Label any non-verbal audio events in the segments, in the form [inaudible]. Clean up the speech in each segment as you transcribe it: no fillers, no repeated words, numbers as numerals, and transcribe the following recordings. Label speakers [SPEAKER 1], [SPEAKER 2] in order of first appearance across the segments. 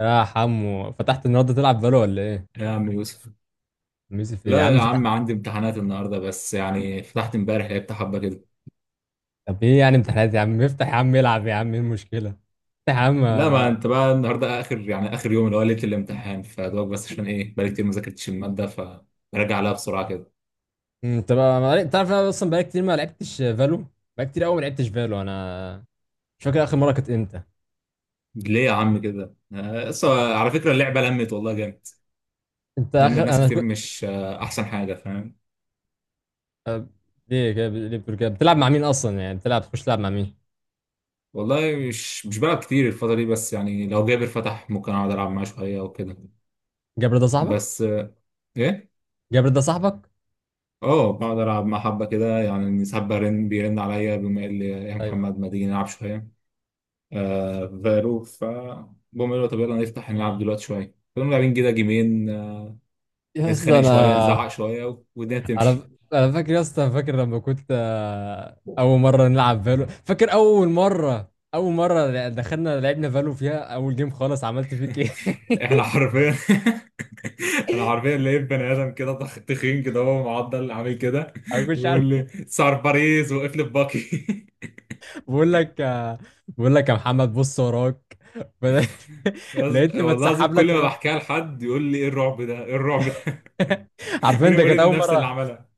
[SPEAKER 1] يا حمو فتحت النهارده تلعب بالو ولا ايه؟
[SPEAKER 2] يا عم يوسف.
[SPEAKER 1] ميسي في إيه؟ يا
[SPEAKER 2] لا
[SPEAKER 1] عم
[SPEAKER 2] يا
[SPEAKER 1] فتح.
[SPEAKER 2] عم عندي امتحانات النهارده، بس يعني فتحت امبارح لعبت حبه كده.
[SPEAKER 1] طب ايه يعني امتحانات، يا عم افتح، يا عم العب، يا عم ايه المشكله؟ افتح يا عم
[SPEAKER 2] لا، ما
[SPEAKER 1] آه.
[SPEAKER 2] انت بقى النهارده اخر يعني اخر يوم اللي هو ليله الامتحان فدوك، بس عشان ايه؟ بقالي كتير ما ذاكرتش الماده، فراجع عليها بسرعه كده.
[SPEAKER 1] طب تعرف انا اصلا بقالي كتير ما لعبتش فالو. بقالي كتير قوي ما لعبتش فالو انا. مش فاكر اخر مره كانت امتى.
[SPEAKER 2] ليه يا عم كده؟ أصل على فكره اللعبه لمت والله جامد.
[SPEAKER 1] انت
[SPEAKER 2] لمت
[SPEAKER 1] اخر
[SPEAKER 2] ناس
[SPEAKER 1] انا
[SPEAKER 2] كتير،
[SPEAKER 1] كنت
[SPEAKER 2] مش آه، احسن حاجه فاهم.
[SPEAKER 1] آه، ليه كده؟ ليه بتقول كده؟ بتلعب مع مين اصلا؟ يعني بتلعب تخش تلعب مع مين؟
[SPEAKER 2] والله مش بلعب كتير الفتره دي، بس يعني لو جابر فتح ممكن اقعد العب معاه شويه وكده.
[SPEAKER 1] جابر ده صاحبك؟
[SPEAKER 2] بس ايه.
[SPEAKER 1] جابر ده صاحبك؟
[SPEAKER 2] اه، بقعد العب مع حبه كده يعني، ساعات برن، بيرن عليا بيقوم قايل لي يا
[SPEAKER 1] ايوه
[SPEAKER 2] محمد ما تيجي نلعب شويه في فالو، بقوم قايل له طب يلا نفتح نلعب دلوقتي شويه، فنقوم لاعبين كده جيمين،
[SPEAKER 1] يا اسطى
[SPEAKER 2] نتخانق شويه
[SPEAKER 1] انا.
[SPEAKER 2] نزعق شويه والدنيا
[SPEAKER 1] على
[SPEAKER 2] تمشي.
[SPEAKER 1] انا فاكر يا اسطى، فاكر لما كنت
[SPEAKER 2] [laughs]
[SPEAKER 1] اول مره نلعب فالو؟ فاكر اول مره دخلنا لعبنا فالو فيها اول جيم خالص، عملت فيك ايه؟
[SPEAKER 2] احنا
[SPEAKER 1] [laughs]
[SPEAKER 2] حرفيا، [laughs] انا حرفيا لقيت بني ادم كده تخين كده هو معضل عامل كده،
[SPEAKER 1] انا مش عارف.
[SPEAKER 2] ويقول لي سعر باريس وقف لي باكي. [laughs]
[SPEAKER 1] بقول لك بقول لك يا محمد بص وراك [laughs] بدأ-
[SPEAKER 2] بس
[SPEAKER 1] لقيتني
[SPEAKER 2] والله
[SPEAKER 1] بتسحب
[SPEAKER 2] العظيم
[SPEAKER 1] لك
[SPEAKER 2] كل ما بحكيها لحد يقول لي ايه الرعب ده، ايه الرعب ده؟
[SPEAKER 1] [laughs]
[SPEAKER 2] [laughs] مين
[SPEAKER 1] عارفين، ده كانت
[SPEAKER 2] المريض
[SPEAKER 1] اول
[SPEAKER 2] النفسي اللي
[SPEAKER 1] مره.
[SPEAKER 2] عملها؟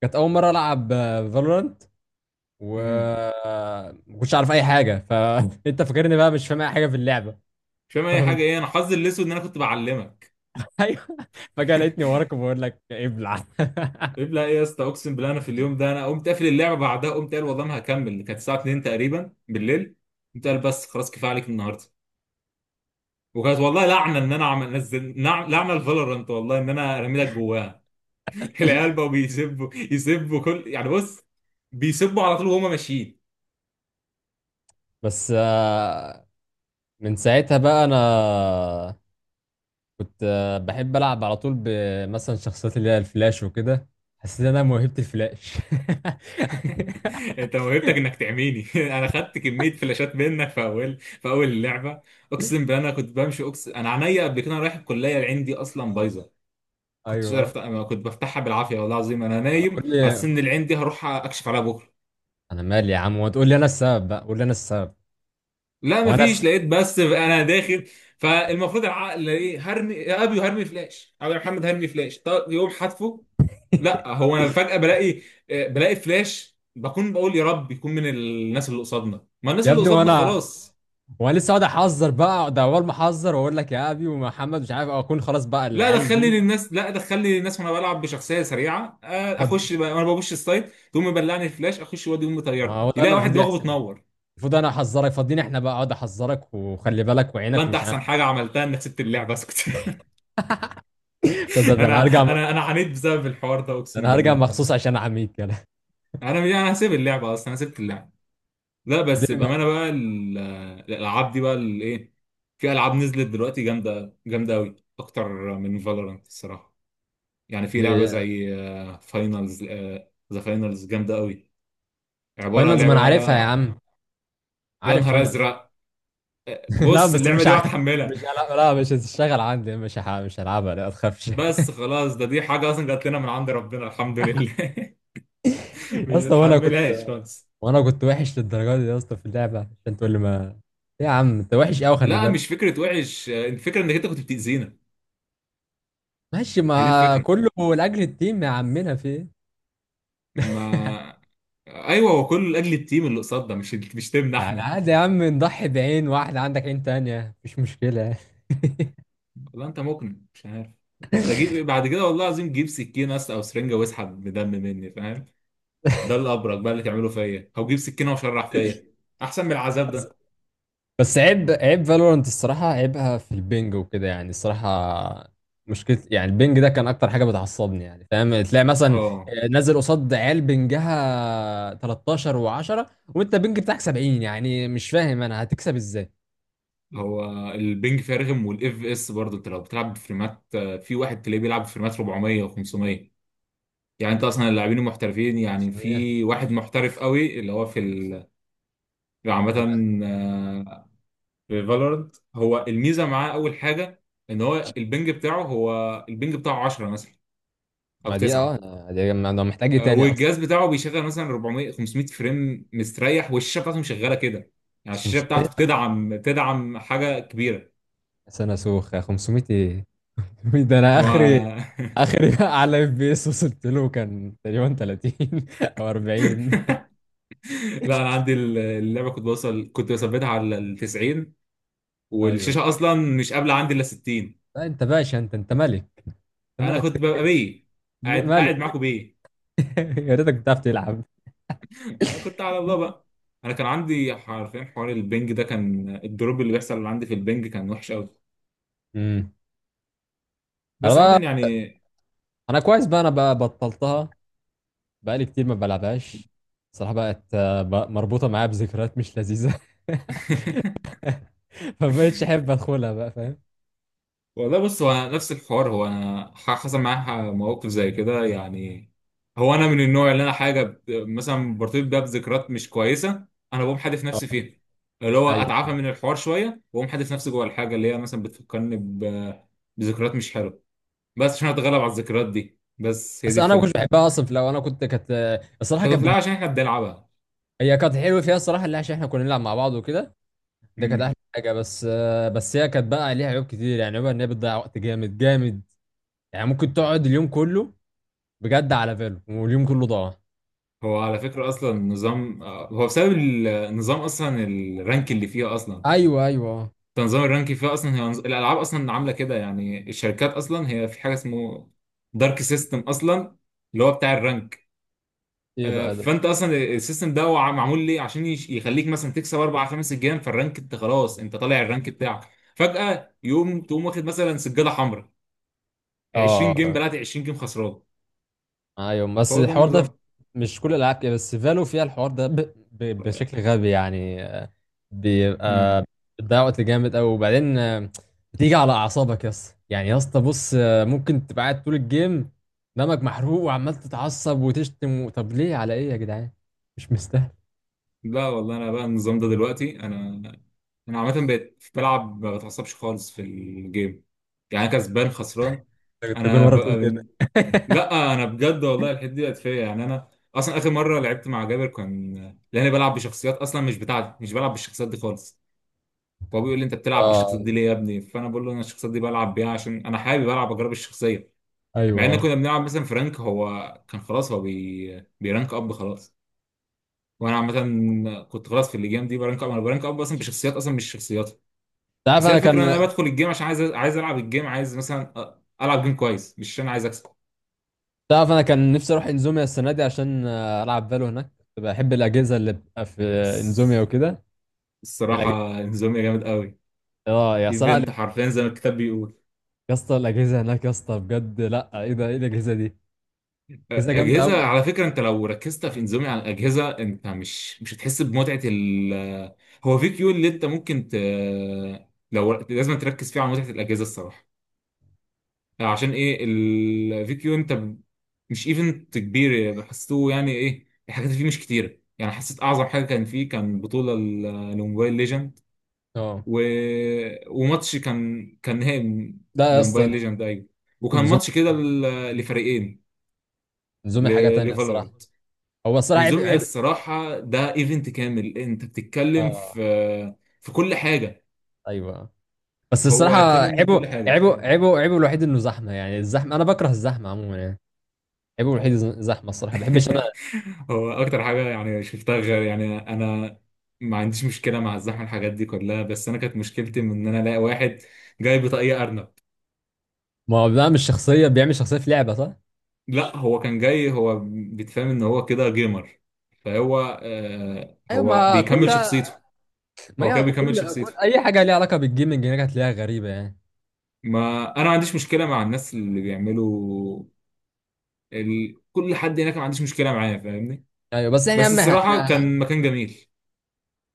[SPEAKER 1] كانت اول مره العب فالورانت، و
[SPEAKER 2] امم
[SPEAKER 1] ما كنتش عارف اي حاجه، فانت [laughs] فاكرني بقى مش فاهم اي حاجه في اللعبه.
[SPEAKER 2] مش فاهم
[SPEAKER 1] ف...
[SPEAKER 2] اي
[SPEAKER 1] [laughs]
[SPEAKER 2] حاجه. ايه، انا حظي الاسود ان انا كنت بعلمك.
[SPEAKER 1] ايوه، فجاه لقيتني وراك وبقول لك إيه، ابلع. [laughs]
[SPEAKER 2] طيب، لا ايه يا اسطى، اقسم بالله انا في اليوم ده انا قمت قافل اللعبه، بعدها قمت قال والله ما هكمل، كانت الساعه 2 تقريبا بالليل. قمت قال بس خلاص كفايه عليك النهارده. وكانت والله لعنه، ان انا عمل نزل لعنه الفالورانت والله، ان انا رميلك جواها. [laughs] العيال بقوا يسبوا كل يعني بص، بيسبوا على طول وهما ماشيين.
[SPEAKER 1] بس من ساعتها بقى انا كنت بحب العب على طول بمثلا شخصيات اللي هي الفلاش وكده. حسيت ان انا موهبة الفلاش. [laughs]
[SPEAKER 2] [laughs] انت موهبتك انك تعميني. [laughs] انا خدت كميه فلاشات منك في اول اللعبه، اقسم بالله انا كنت بمشي اقسم، انا عينيا قبل كده، أنا رايح الكليه عندي اصلا بايظه، كنتش
[SPEAKER 1] ايوه
[SPEAKER 2] عارف، انا كنت بفتحها بالعافيه، والله العظيم انا نايم
[SPEAKER 1] قول
[SPEAKER 2] على
[SPEAKER 1] لي.
[SPEAKER 2] السن العين دي، هروح اكشف عليها بكره.
[SPEAKER 1] انا مالي يا عم؟ وتقول لي انا السبب بقى؟ قول لي انا السبب.
[SPEAKER 2] لا
[SPEAKER 1] وانا الس...
[SPEAKER 2] مفيش، لقيت بس انا داخل، فالمفروض العقل ايه؟ هرمي يا ابي، هرمي فلاش، ابي يا محمد هرمي فلاش، طب يقوم حذفه. لا، هو انا فجاه بلاقي، بلاقي فلاش، بكون بقول يا رب يكون من الناس اللي قصادنا، ما الناس
[SPEAKER 1] يا
[SPEAKER 2] اللي
[SPEAKER 1] ابني،
[SPEAKER 2] قصادنا
[SPEAKER 1] وانا
[SPEAKER 2] خلاص.
[SPEAKER 1] وانا لسه اقعد احذر بقى، اقعد اول ما احذر واقول لك يا ابي ومحمد، مش عارف اكون خلاص بقى
[SPEAKER 2] لا،
[SPEAKER 1] العيال
[SPEAKER 2] دخلني
[SPEAKER 1] جم.
[SPEAKER 2] للناس، لا دخلني للناس وانا بلعب بشخصيه سريعه،
[SPEAKER 1] فض-
[SPEAKER 2] وانا ببش السايت تقوم مبلعني الفلاش، اخش وادي يقوم
[SPEAKER 1] ما
[SPEAKER 2] مطيرني،
[SPEAKER 1] هو ده اللي
[SPEAKER 2] يلاقي واحد
[SPEAKER 1] المفروض
[SPEAKER 2] دماغه
[SPEAKER 1] يحصل.
[SPEAKER 2] بتنور.
[SPEAKER 1] المفروض انا احذرك، فاضيين احنا بقى اقعد احذرك وخلي بالك
[SPEAKER 2] والله
[SPEAKER 1] وعينك،
[SPEAKER 2] انت
[SPEAKER 1] ومش انا.
[SPEAKER 2] احسن حاجه عملتها انك سبت اللعبه، اسكت.
[SPEAKER 1] [laughs] تصدق
[SPEAKER 2] [laughs]
[SPEAKER 1] ده
[SPEAKER 2] انا
[SPEAKER 1] انا هرجع.
[SPEAKER 2] انا عانيت بسبب الحوار ده اقسم
[SPEAKER 1] انا هرجع
[SPEAKER 2] بالله.
[SPEAKER 1] مخصوص عشان احميك، يلا.
[SPEAKER 2] انا يعني انا هسيب اللعبه اصلا، انا سبت اللعبه. لا بس
[SPEAKER 1] ليه ما
[SPEAKER 2] بامانه بقى، الالعاب دي بقى الايه، في العاب نزلت دلوقتي جامده جامده قوي، اكتر من فالورانت الصراحه. يعني في لعبه
[SPEAKER 1] ليه؟
[SPEAKER 2] زي فاينلز، ذا فاينلز جامده قوي، عباره
[SPEAKER 1] فاينلز ما
[SPEAKER 2] لعبه
[SPEAKER 1] انا عارفها يا
[SPEAKER 2] بقى.
[SPEAKER 1] عم،
[SPEAKER 2] يا
[SPEAKER 1] عارف
[SPEAKER 2] نهار
[SPEAKER 1] فاينلز.
[SPEAKER 2] ازرق،
[SPEAKER 1] [laughs] لا
[SPEAKER 2] بص
[SPEAKER 1] بس
[SPEAKER 2] اللعبه دي هتحملها.
[SPEAKER 1] مش
[SPEAKER 2] [laughs]
[SPEAKER 1] هلعب. لا مش هتشتغل عندي. مش هلعبها لا ما تخافش. [laughs] يا
[SPEAKER 2] بس خلاص، دي حاجه اصلا جات لنا من عند ربنا الحمد لله. [laughs] مش
[SPEAKER 1] اسطى، وانا كنت.
[SPEAKER 2] بتحملهاش خالص.
[SPEAKER 1] وانا كنت وحش للدرجه دي يا اسطى في اللعبه عشان تقول لي ما؟ إيه يا عم، انت وحش قوي خلي
[SPEAKER 2] لا،
[SPEAKER 1] بالك.
[SPEAKER 2] مش فكرة وحش، الفكرة انك انت كنت بتأذينا،
[SPEAKER 1] ماشي ما
[SPEAKER 2] هي دي الفكرة.
[SPEAKER 1] كله لاجل التيم، يا عمنا في ايه؟
[SPEAKER 2] ما آه، ايوه، هو كله لاجل التيم اللي قصادنا، مش تيمنا
[SPEAKER 1] يعني
[SPEAKER 2] احنا.
[SPEAKER 1] عادي يا عم نضحي بعين واحد، عندك عين تانية، مفيش مشكله.
[SPEAKER 2] والله انت مقنع، مش عارف انت جيب ايه بعد كده. والله العظيم جيب سكينة، او سرنجة واسحب بدم مني فاهم، ده الابرك بقى اللي تعمله فيا، او جيب سكينة وشرح
[SPEAKER 1] [laughs]
[SPEAKER 2] فيا، احسن من العذاب ده.
[SPEAKER 1] بس عيب، عيب فالورانت الصراحة عيبها في البنج وكده يعني الصراحة. مشكلة يعني البنج ده كان أكتر حاجة بتعصبني، يعني فاهم؟ تلاقي مثلا
[SPEAKER 2] اه،
[SPEAKER 1] نازل قصاد عيال بنجها 13 و10، وأنت بنج بتاعك 70، يعني مش فاهم أنا هتكسب إزاي.
[SPEAKER 2] هو البنج فيها رخم والاف اس برضه، انت لو بتلعب بفريمات، في واحد تلاقيه بيلعب بفريمات 400 و500. يعني انت اصلا اللاعبين المحترفين، يعني
[SPEAKER 1] 500
[SPEAKER 2] في واحد محترف قوي اللي هو في، يعني عامة،
[SPEAKER 1] أنا؟
[SPEAKER 2] آه، في فالورنت هو الميزة معاه أول حاجة، إن هو البنج بتاعه 10 مثلا أو
[SPEAKER 1] ما دي أه،
[SPEAKER 2] 9.
[SPEAKER 1] أنا دي ما أنا محتاج إيه تاني أصلا؟
[SPEAKER 2] والجهاز بتاعه بيشغل مثلا 400 500 فريم مستريح، والشاشة بتاعته مشغلة كده، يعني الشاشة
[SPEAKER 1] 500
[SPEAKER 2] بتاعته بتدعم حاجة كبيرة.
[SPEAKER 1] سنة سوخة، 500 إيه؟ [laughs] ده أنا آخري.
[SPEAKER 2] ما،
[SPEAKER 1] آخري [laughs] على FPS وصلت له كان تقريبا 30 أو 40.
[SPEAKER 2] [laughs] لا أنا عندي اللعبة، كنت بثبتها على ال 90،
[SPEAKER 1] أيوه
[SPEAKER 2] والشاشة أصلا مش قابلة عندي إلا 60.
[SPEAKER 1] لا انت باشا، انت انت ملك.
[SPEAKER 2] أنا كنت
[SPEAKER 1] انت
[SPEAKER 2] ببقى بيه، قاعد قاعد
[SPEAKER 1] ملك.
[SPEAKER 2] معاكم بيه.
[SPEAKER 1] [laughs] يا ريتك بتعرف تلعب.
[SPEAKER 2] انا كنت على الله بقى، انا كان عندي حرفيا حوار البنج ده، كان الدروب اللي بيحصل اللي عندي في البنج كان وحش قوي،
[SPEAKER 1] امم، انا
[SPEAKER 2] بس عامه
[SPEAKER 1] بقى.
[SPEAKER 2] يعني.
[SPEAKER 1] انا كويس بقى، انا بقى بطلتها. بقالي كتير ما بلعبهاش. صراحة بقت بقى مربوطة معايا بذكريات مش لذيذة.
[SPEAKER 2] [laughs]
[SPEAKER 1] [laughs] فبقتش احب ادخلها بقى، فاهم؟
[SPEAKER 2] والله بص، هو نفس الحوار، هو انا حصل معايا مواقف زي كده يعني، هو انا من النوع اللي انا حاجه مثلا برتبط بيها بذكريات مش كويسه، انا بقوم حادف نفسي
[SPEAKER 1] اه
[SPEAKER 2] فيها، اللي هو
[SPEAKER 1] ايوه.
[SPEAKER 2] اتعافى من الحوار شويه واقوم حادف نفسي جوه الحاجه اللي هي مثلا بذكريات مش حلوه، بس عشان اتغلب على الذكريات دي، بس هي
[SPEAKER 1] بس
[SPEAKER 2] دي
[SPEAKER 1] انا ما كنتش
[SPEAKER 2] الفكره.
[SPEAKER 1] بحبها اصلا. لو انا كنت كانت الصراحة
[SPEAKER 2] ده كنت،
[SPEAKER 1] كانت
[SPEAKER 2] لا عشان احنا بنلعبها.
[SPEAKER 1] هي كانت حلوة فيها الصراحة، اللي عشان احنا كنا نلعب مع بعض وكده. ده كانت احلى حاجة، بس بس هي كانت بقى ليها عيوب كتير يعني. عيوبها ان هي بتضيع وقت جامد جامد. يعني ممكن تقعد اليوم كله بجد على فيلو، واليوم كله ضاع.
[SPEAKER 2] هو على فكرة أصلا نظام، هو بسبب النظام أصلا، الرانك اللي فيها أصلا،
[SPEAKER 1] ايوه ايوه آه.
[SPEAKER 2] تنظيم الرانك فيها أصلا، هي الألعاب أصلا عاملة كده يعني، الشركات أصلا هي في حاجة اسمه دارك سيستم أصلا، اللي هو بتاع الرانك.
[SPEAKER 1] ايه بقى ده؟
[SPEAKER 2] فأنت أصلا السيستم ده هو معمول ليه عشان يخليك مثلا تكسب أربع خمس جيم، فالرانك أنت خلاص أنت طالع الرانك بتاعك، فجأة تقوم واخد مثلا سجادة حمراء، 20 جيم
[SPEAKER 1] اه
[SPEAKER 2] بلعت، 20 جيم خسران.
[SPEAKER 1] ايوه. بس
[SPEAKER 2] هو ده
[SPEAKER 1] الحوار ده مش كل الالعاب كده، بس فالو فيها الحوار ده
[SPEAKER 2] النظام.
[SPEAKER 1] بشكل غبي يعني بيبقى بتضيع وقت جامد قوي، وبعدين بتيجي على اعصابك يا اسطى. يعني يا اسطى بص ممكن تبقى قاعد طول الجيم دمك محروق وعمال تتعصب وتشتم طب ليه؟ على ايه يا جدعان؟ مش مستاهل.
[SPEAKER 2] لا والله انا بقى النظام ده دلوقتي، انا انا عامه بقيت بلعب ما بتعصبش خالص في الجيم، يعني كسبان خسران،
[SPEAKER 1] انت كنت كل
[SPEAKER 2] انا
[SPEAKER 1] مره بتقول
[SPEAKER 2] بقى
[SPEAKER 1] كده.
[SPEAKER 2] من... لا انا بجد والله الحته دي بقت فيا، يعني انا اصلا اخر مره لعبت مع جابر كان، لاني بلعب بشخصيات اصلا مش بتاعتي، مش بلعب بالشخصيات دي خالص، فهو بيقول لي انت بتلعب
[SPEAKER 1] اه
[SPEAKER 2] بالشخصيات دي ليه يا ابني، فانا بقول له انا الشخصيات دي بلعب بيها عشان انا حابب العب اجرب الشخصيه، مع
[SPEAKER 1] ايوه
[SPEAKER 2] ان
[SPEAKER 1] انت.
[SPEAKER 2] كنا بنلعب مثلا فرانك، هو كان خلاص هو بيرانك اب خلاص، وانا عامه كنت خلاص في الجيم دي برانك اب، انا برانك اب اصلا بشخصيات اصلا مش شخصياتها،
[SPEAKER 1] عارف
[SPEAKER 2] بس هي
[SPEAKER 1] انا
[SPEAKER 2] الفكره ان
[SPEAKER 1] كان.
[SPEAKER 2] انا بدخل الجيم عشان عايز، العب الجيم، عايز مثلا العب جيم كويس، مش عشان عايز اكسب.
[SPEAKER 1] تعرف انا كان نفسي اروح انزوميا السنه دي عشان العب فالو هناك. كنت بحب الاجهزه اللي بتبقى في
[SPEAKER 2] بس
[SPEAKER 1] انزوميا وكده. الاجهزه،
[SPEAKER 2] الصراحه انزوميا جامد قوي،
[SPEAKER 1] اه يا صراحه.
[SPEAKER 2] ايفنت حرفيا زي ما الكتاب بيقول.
[SPEAKER 1] يا اسطى الاجهزه هناك يا اسطى بجد، لا ايه ده؟ ايه الاجهزه دي؟ اجهزه جامده
[SPEAKER 2] اجهزه
[SPEAKER 1] قوي.
[SPEAKER 2] على فكره، انت لو ركزت في انزوميا على الاجهزه انت مش هتحس بمتعه ال، هو في كيو اللي انت ممكن ت، لو لازم تركز فيه على متعه الاجهزه الصراحه. عشان ايه الفيديو انت مش ايفنت كبير يعني حسيته، يعني ايه الحاجات اللي فيه مش كتيره، يعني حسيت اعظم حاجه كان فيه كان بطوله لموبايل ليجند
[SPEAKER 1] اه
[SPEAKER 2] و... وماتش كان نهائي
[SPEAKER 1] لا يا
[SPEAKER 2] لموبايل
[SPEAKER 1] اسطى،
[SPEAKER 2] ليجند ايوه، وكان ماتش
[SPEAKER 1] انزوميا.
[SPEAKER 2] كده لفريقين ل...
[SPEAKER 1] انزوميا حاجه تانية الصراحه.
[SPEAKER 2] لفالورانت.
[SPEAKER 1] هو الصراحه عيب،
[SPEAKER 2] انزوميا
[SPEAKER 1] عيب.
[SPEAKER 2] الصراحه ده ايفنت كامل، انت بتتكلم في
[SPEAKER 1] اه
[SPEAKER 2] في كل حاجه،
[SPEAKER 1] ايوه بس الصراحه
[SPEAKER 2] هو كامل من كل
[SPEAKER 1] عيبه
[SPEAKER 2] حاجه.
[SPEAKER 1] عيبه عيبه عيبه الوحيد انه زحمه يعني. الزحمه انا بكره الزحمه عموما يعني. عيبه الوحيد زحمه الصراحه، ما بحبش انا.
[SPEAKER 2] [laughs] هو اكتر حاجه يعني شفتها غير، يعني انا ما عنديش مشكله مع الزحمه الحاجات دي كلها، بس انا كانت مشكلتي من ان انا الاقي واحد جاي بطاقيه ارنب.
[SPEAKER 1] ما هو بيعمل شخصيه، بيعمل شخصيه في لعبه، صح؟
[SPEAKER 2] لا هو كان جاي هو بيتفهم ان هو كده جيمر، فهو آه
[SPEAKER 1] ايوه
[SPEAKER 2] هو
[SPEAKER 1] ما
[SPEAKER 2] بيكمل
[SPEAKER 1] كلها،
[SPEAKER 2] شخصيته،
[SPEAKER 1] ما
[SPEAKER 2] هو
[SPEAKER 1] هي
[SPEAKER 2] كده بيكمل
[SPEAKER 1] كل كل
[SPEAKER 2] شخصيته،
[SPEAKER 1] اي حاجه ليها علاقه بالجيمنج هناك هتلاقيها غريبه يعني.
[SPEAKER 2] ما انا ما عنديش مشكله مع الناس اللي بيعملوا كل حد هناك ما عنديش مشكله معاه فاهمني،
[SPEAKER 1] ايوه بس احنا يا
[SPEAKER 2] بس
[SPEAKER 1] عم
[SPEAKER 2] الصراحه
[SPEAKER 1] احنا،
[SPEAKER 2] كان مكان جميل.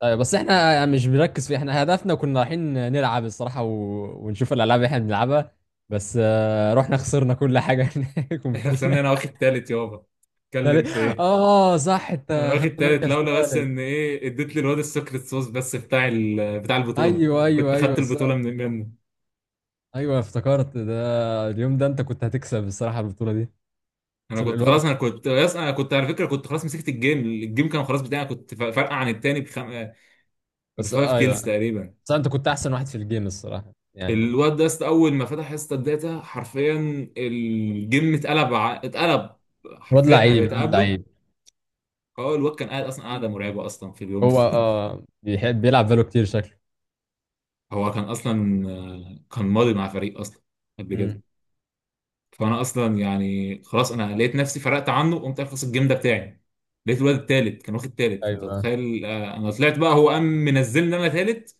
[SPEAKER 1] ايوه بس احنا مش بنركز في، احنا هدفنا كنا رايحين نلعب الصراحه ونشوف الالعاب اللي احنا بنلعبها، بس رحنا خسرنا كل حاجه هناك [laughs]
[SPEAKER 2] [laughs]
[SPEAKER 1] ومشينا.
[SPEAKER 2] خسرني انا واخد تالت يابا، اتكلم في ايه؟
[SPEAKER 1] اه صح،
[SPEAKER 2] انا
[SPEAKER 1] انت
[SPEAKER 2] واخد
[SPEAKER 1] خدت
[SPEAKER 2] تالت،
[SPEAKER 1] مركز
[SPEAKER 2] لولا بس ان
[SPEAKER 1] ثالث.
[SPEAKER 2] ايه، اديت للواد السكريت صوص، بس بتاع بتاع البطوله،
[SPEAKER 1] ايوه
[SPEAKER 2] كنت
[SPEAKER 1] ايوه
[SPEAKER 2] خدت
[SPEAKER 1] ايوه ص...
[SPEAKER 2] البطوله منه.
[SPEAKER 1] ايوه افتكرت ده. اليوم ده انت كنت هتكسب الصراحه البطوله دي. بس الواد،
[SPEAKER 2] انا كنت على فكره، كنت خلاص مسكت الجيم، كان خلاص بتاعي، كنت فارقه عن التاني
[SPEAKER 1] بس
[SPEAKER 2] بفايف كيلز
[SPEAKER 1] ايوه،
[SPEAKER 2] تقريبا.
[SPEAKER 1] بس انت كنت احسن واحد في الجيم الصراحه يعني.
[SPEAKER 2] الواد ده اول ما فتح حصه الداتا حرفيا، الجيم اتقلب،
[SPEAKER 1] واد
[SPEAKER 2] حرفيا انا
[SPEAKER 1] لعيب،
[SPEAKER 2] بقيت
[SPEAKER 1] واد
[SPEAKER 2] اقابله،
[SPEAKER 1] لعيب.
[SPEAKER 2] هو الواد كان قاعد اصلا، قاعده مرعبه اصلا في اليوم
[SPEAKER 1] هو
[SPEAKER 2] ده. [laughs]
[SPEAKER 1] اه، بيحب بيلعب فالو كتير شكله.
[SPEAKER 2] هو كان اصلا، كان ماضي مع فريق اصلا قبل كده،
[SPEAKER 1] مم.
[SPEAKER 2] فانا اصلا يعني خلاص انا لقيت نفسي فرقت عنه، وقمت اخلص الجيم ده بتاعي، لقيت الواد التالت كان واخد تالت، فانت
[SPEAKER 1] ايوه
[SPEAKER 2] متخيل، انا طلعت بقى، هو قام منزلني انا تالت،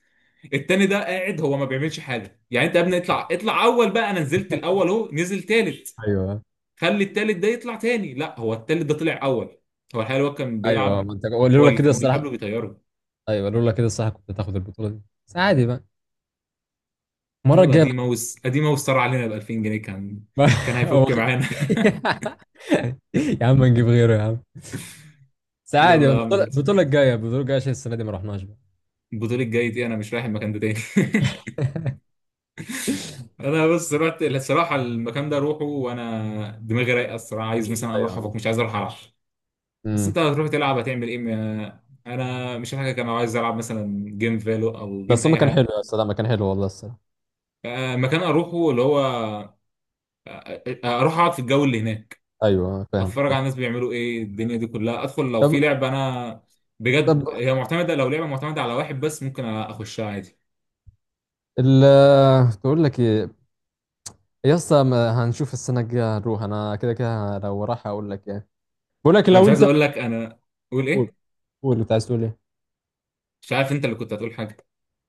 [SPEAKER 2] التاني ده قاعد هو ما بيعملش حاجه، يعني انت يا ابني اطلع، اطلع اول بقى، انا نزلت الاول، اهو نزل تالت،
[SPEAKER 1] ايوه
[SPEAKER 2] خلي التالت ده يطلع تاني، لا هو التالت ده طلع اول، هو الحقيقه الواد كان
[SPEAKER 1] ايوه
[SPEAKER 2] بيلعب،
[SPEAKER 1] ما انت هو
[SPEAKER 2] هو
[SPEAKER 1] لولا
[SPEAKER 2] اللي
[SPEAKER 1] كده
[SPEAKER 2] كان
[SPEAKER 1] الصراحه.
[SPEAKER 2] بيقابله بيطيره.
[SPEAKER 1] ايوه لولا كده الصراحه كنت هتاخد البطوله دي، بس عادي بقى، المره
[SPEAKER 2] يلا
[SPEAKER 1] الجايه.
[SPEAKER 2] دي ماوس، ادي ماوس طار علينا ب 2000 جنيه، كان
[SPEAKER 1] بقى
[SPEAKER 2] كان
[SPEAKER 1] [laughs] هو
[SPEAKER 2] هيفك
[SPEAKER 1] خ-
[SPEAKER 2] معانا. [laughs]
[SPEAKER 1] [laughs] يا عم نجيب غيره يا عم. بس عادي
[SPEAKER 2] يلا
[SPEAKER 1] بقى،
[SPEAKER 2] يا عم
[SPEAKER 1] البطوله
[SPEAKER 2] خلص،
[SPEAKER 1] البطوله الجايه البطوله الجايه عشان السنه دي ما رحناش بقى.
[SPEAKER 2] البطولة الجاي دي انا مش رايح المكان ده تاني. [laughs] انا بس رحت الصراحه المكان ده اروحه وانا دماغي رايقه الصراحه، عايز مثلا اروح
[SPEAKER 1] ايوه،
[SPEAKER 2] افك، مش عايز اروح العب. بس
[SPEAKER 1] امم.
[SPEAKER 2] انت هتروح تلعب هتعمل ايه؟ انا مش حاجه، كان عايز العب مثلا جيم فالو او جيم
[SPEAKER 1] بس هما
[SPEAKER 2] اي
[SPEAKER 1] كان حلو
[SPEAKER 2] حاجه،
[SPEAKER 1] يا استاذ، ما كان حلو والله الصراحه.
[SPEAKER 2] مكان اروحه اللي هو، اروح اقعد في الجو اللي هناك،
[SPEAKER 1] ايوه فاهم
[SPEAKER 2] اتفرج
[SPEAKER 1] فاهم.
[SPEAKER 2] على الناس بيعملوا ايه، الدنيا دي كلها، ادخل لو في
[SPEAKER 1] طب،
[SPEAKER 2] لعبه انا بجد
[SPEAKER 1] طب
[SPEAKER 2] هي معتمده، لو لعبه معتمده على واحد بس ممكن اخشها عادي.
[SPEAKER 1] ال بقول لك ايه، يا اسطى ما هنشوف السنه الجايه هنروح. انا كده كده لو راح اقول لك ايه، بقول لك
[SPEAKER 2] انا
[SPEAKER 1] لو
[SPEAKER 2] مش عايز
[SPEAKER 1] انت.
[SPEAKER 2] اقول لك، انا اقول
[SPEAKER 1] قول.
[SPEAKER 2] ايه؟
[SPEAKER 1] قول اللي عايز تقول ايه.
[SPEAKER 2] مش عارف، انت اللي كنت هتقول حاجه.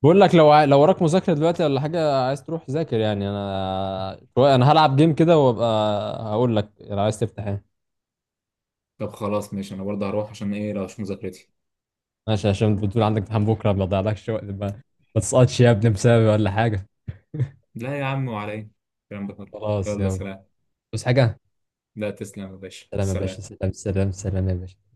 [SPEAKER 1] بقول لك لو لو وراك مذاكره دلوقتي ولا حاجه عايز تروح ذاكر يعني، انا انا هلعب جيم كده وابقى هقول لك لو عايز تفتح ايه.
[SPEAKER 2] طب خلاص ماشي، انا برضه هروح عشان ايه لو مش مذاكرتي.
[SPEAKER 1] ماشي، عشان بتقول عندك امتحان بكره، ما تضيعلكش وقت، ما ما تسقطش يا ابني بسببي ولا حاجه.
[SPEAKER 2] لا يا عم، وعلى ايه الكلام ده كله؟
[SPEAKER 1] خلاص
[SPEAKER 2] يلا
[SPEAKER 1] يلا.
[SPEAKER 2] سلام.
[SPEAKER 1] بس حاجه.
[SPEAKER 2] لا تسلم يا باشا،
[SPEAKER 1] سلام يا باشا،
[SPEAKER 2] سلام.
[SPEAKER 1] سلام سلام سلام يا باشا.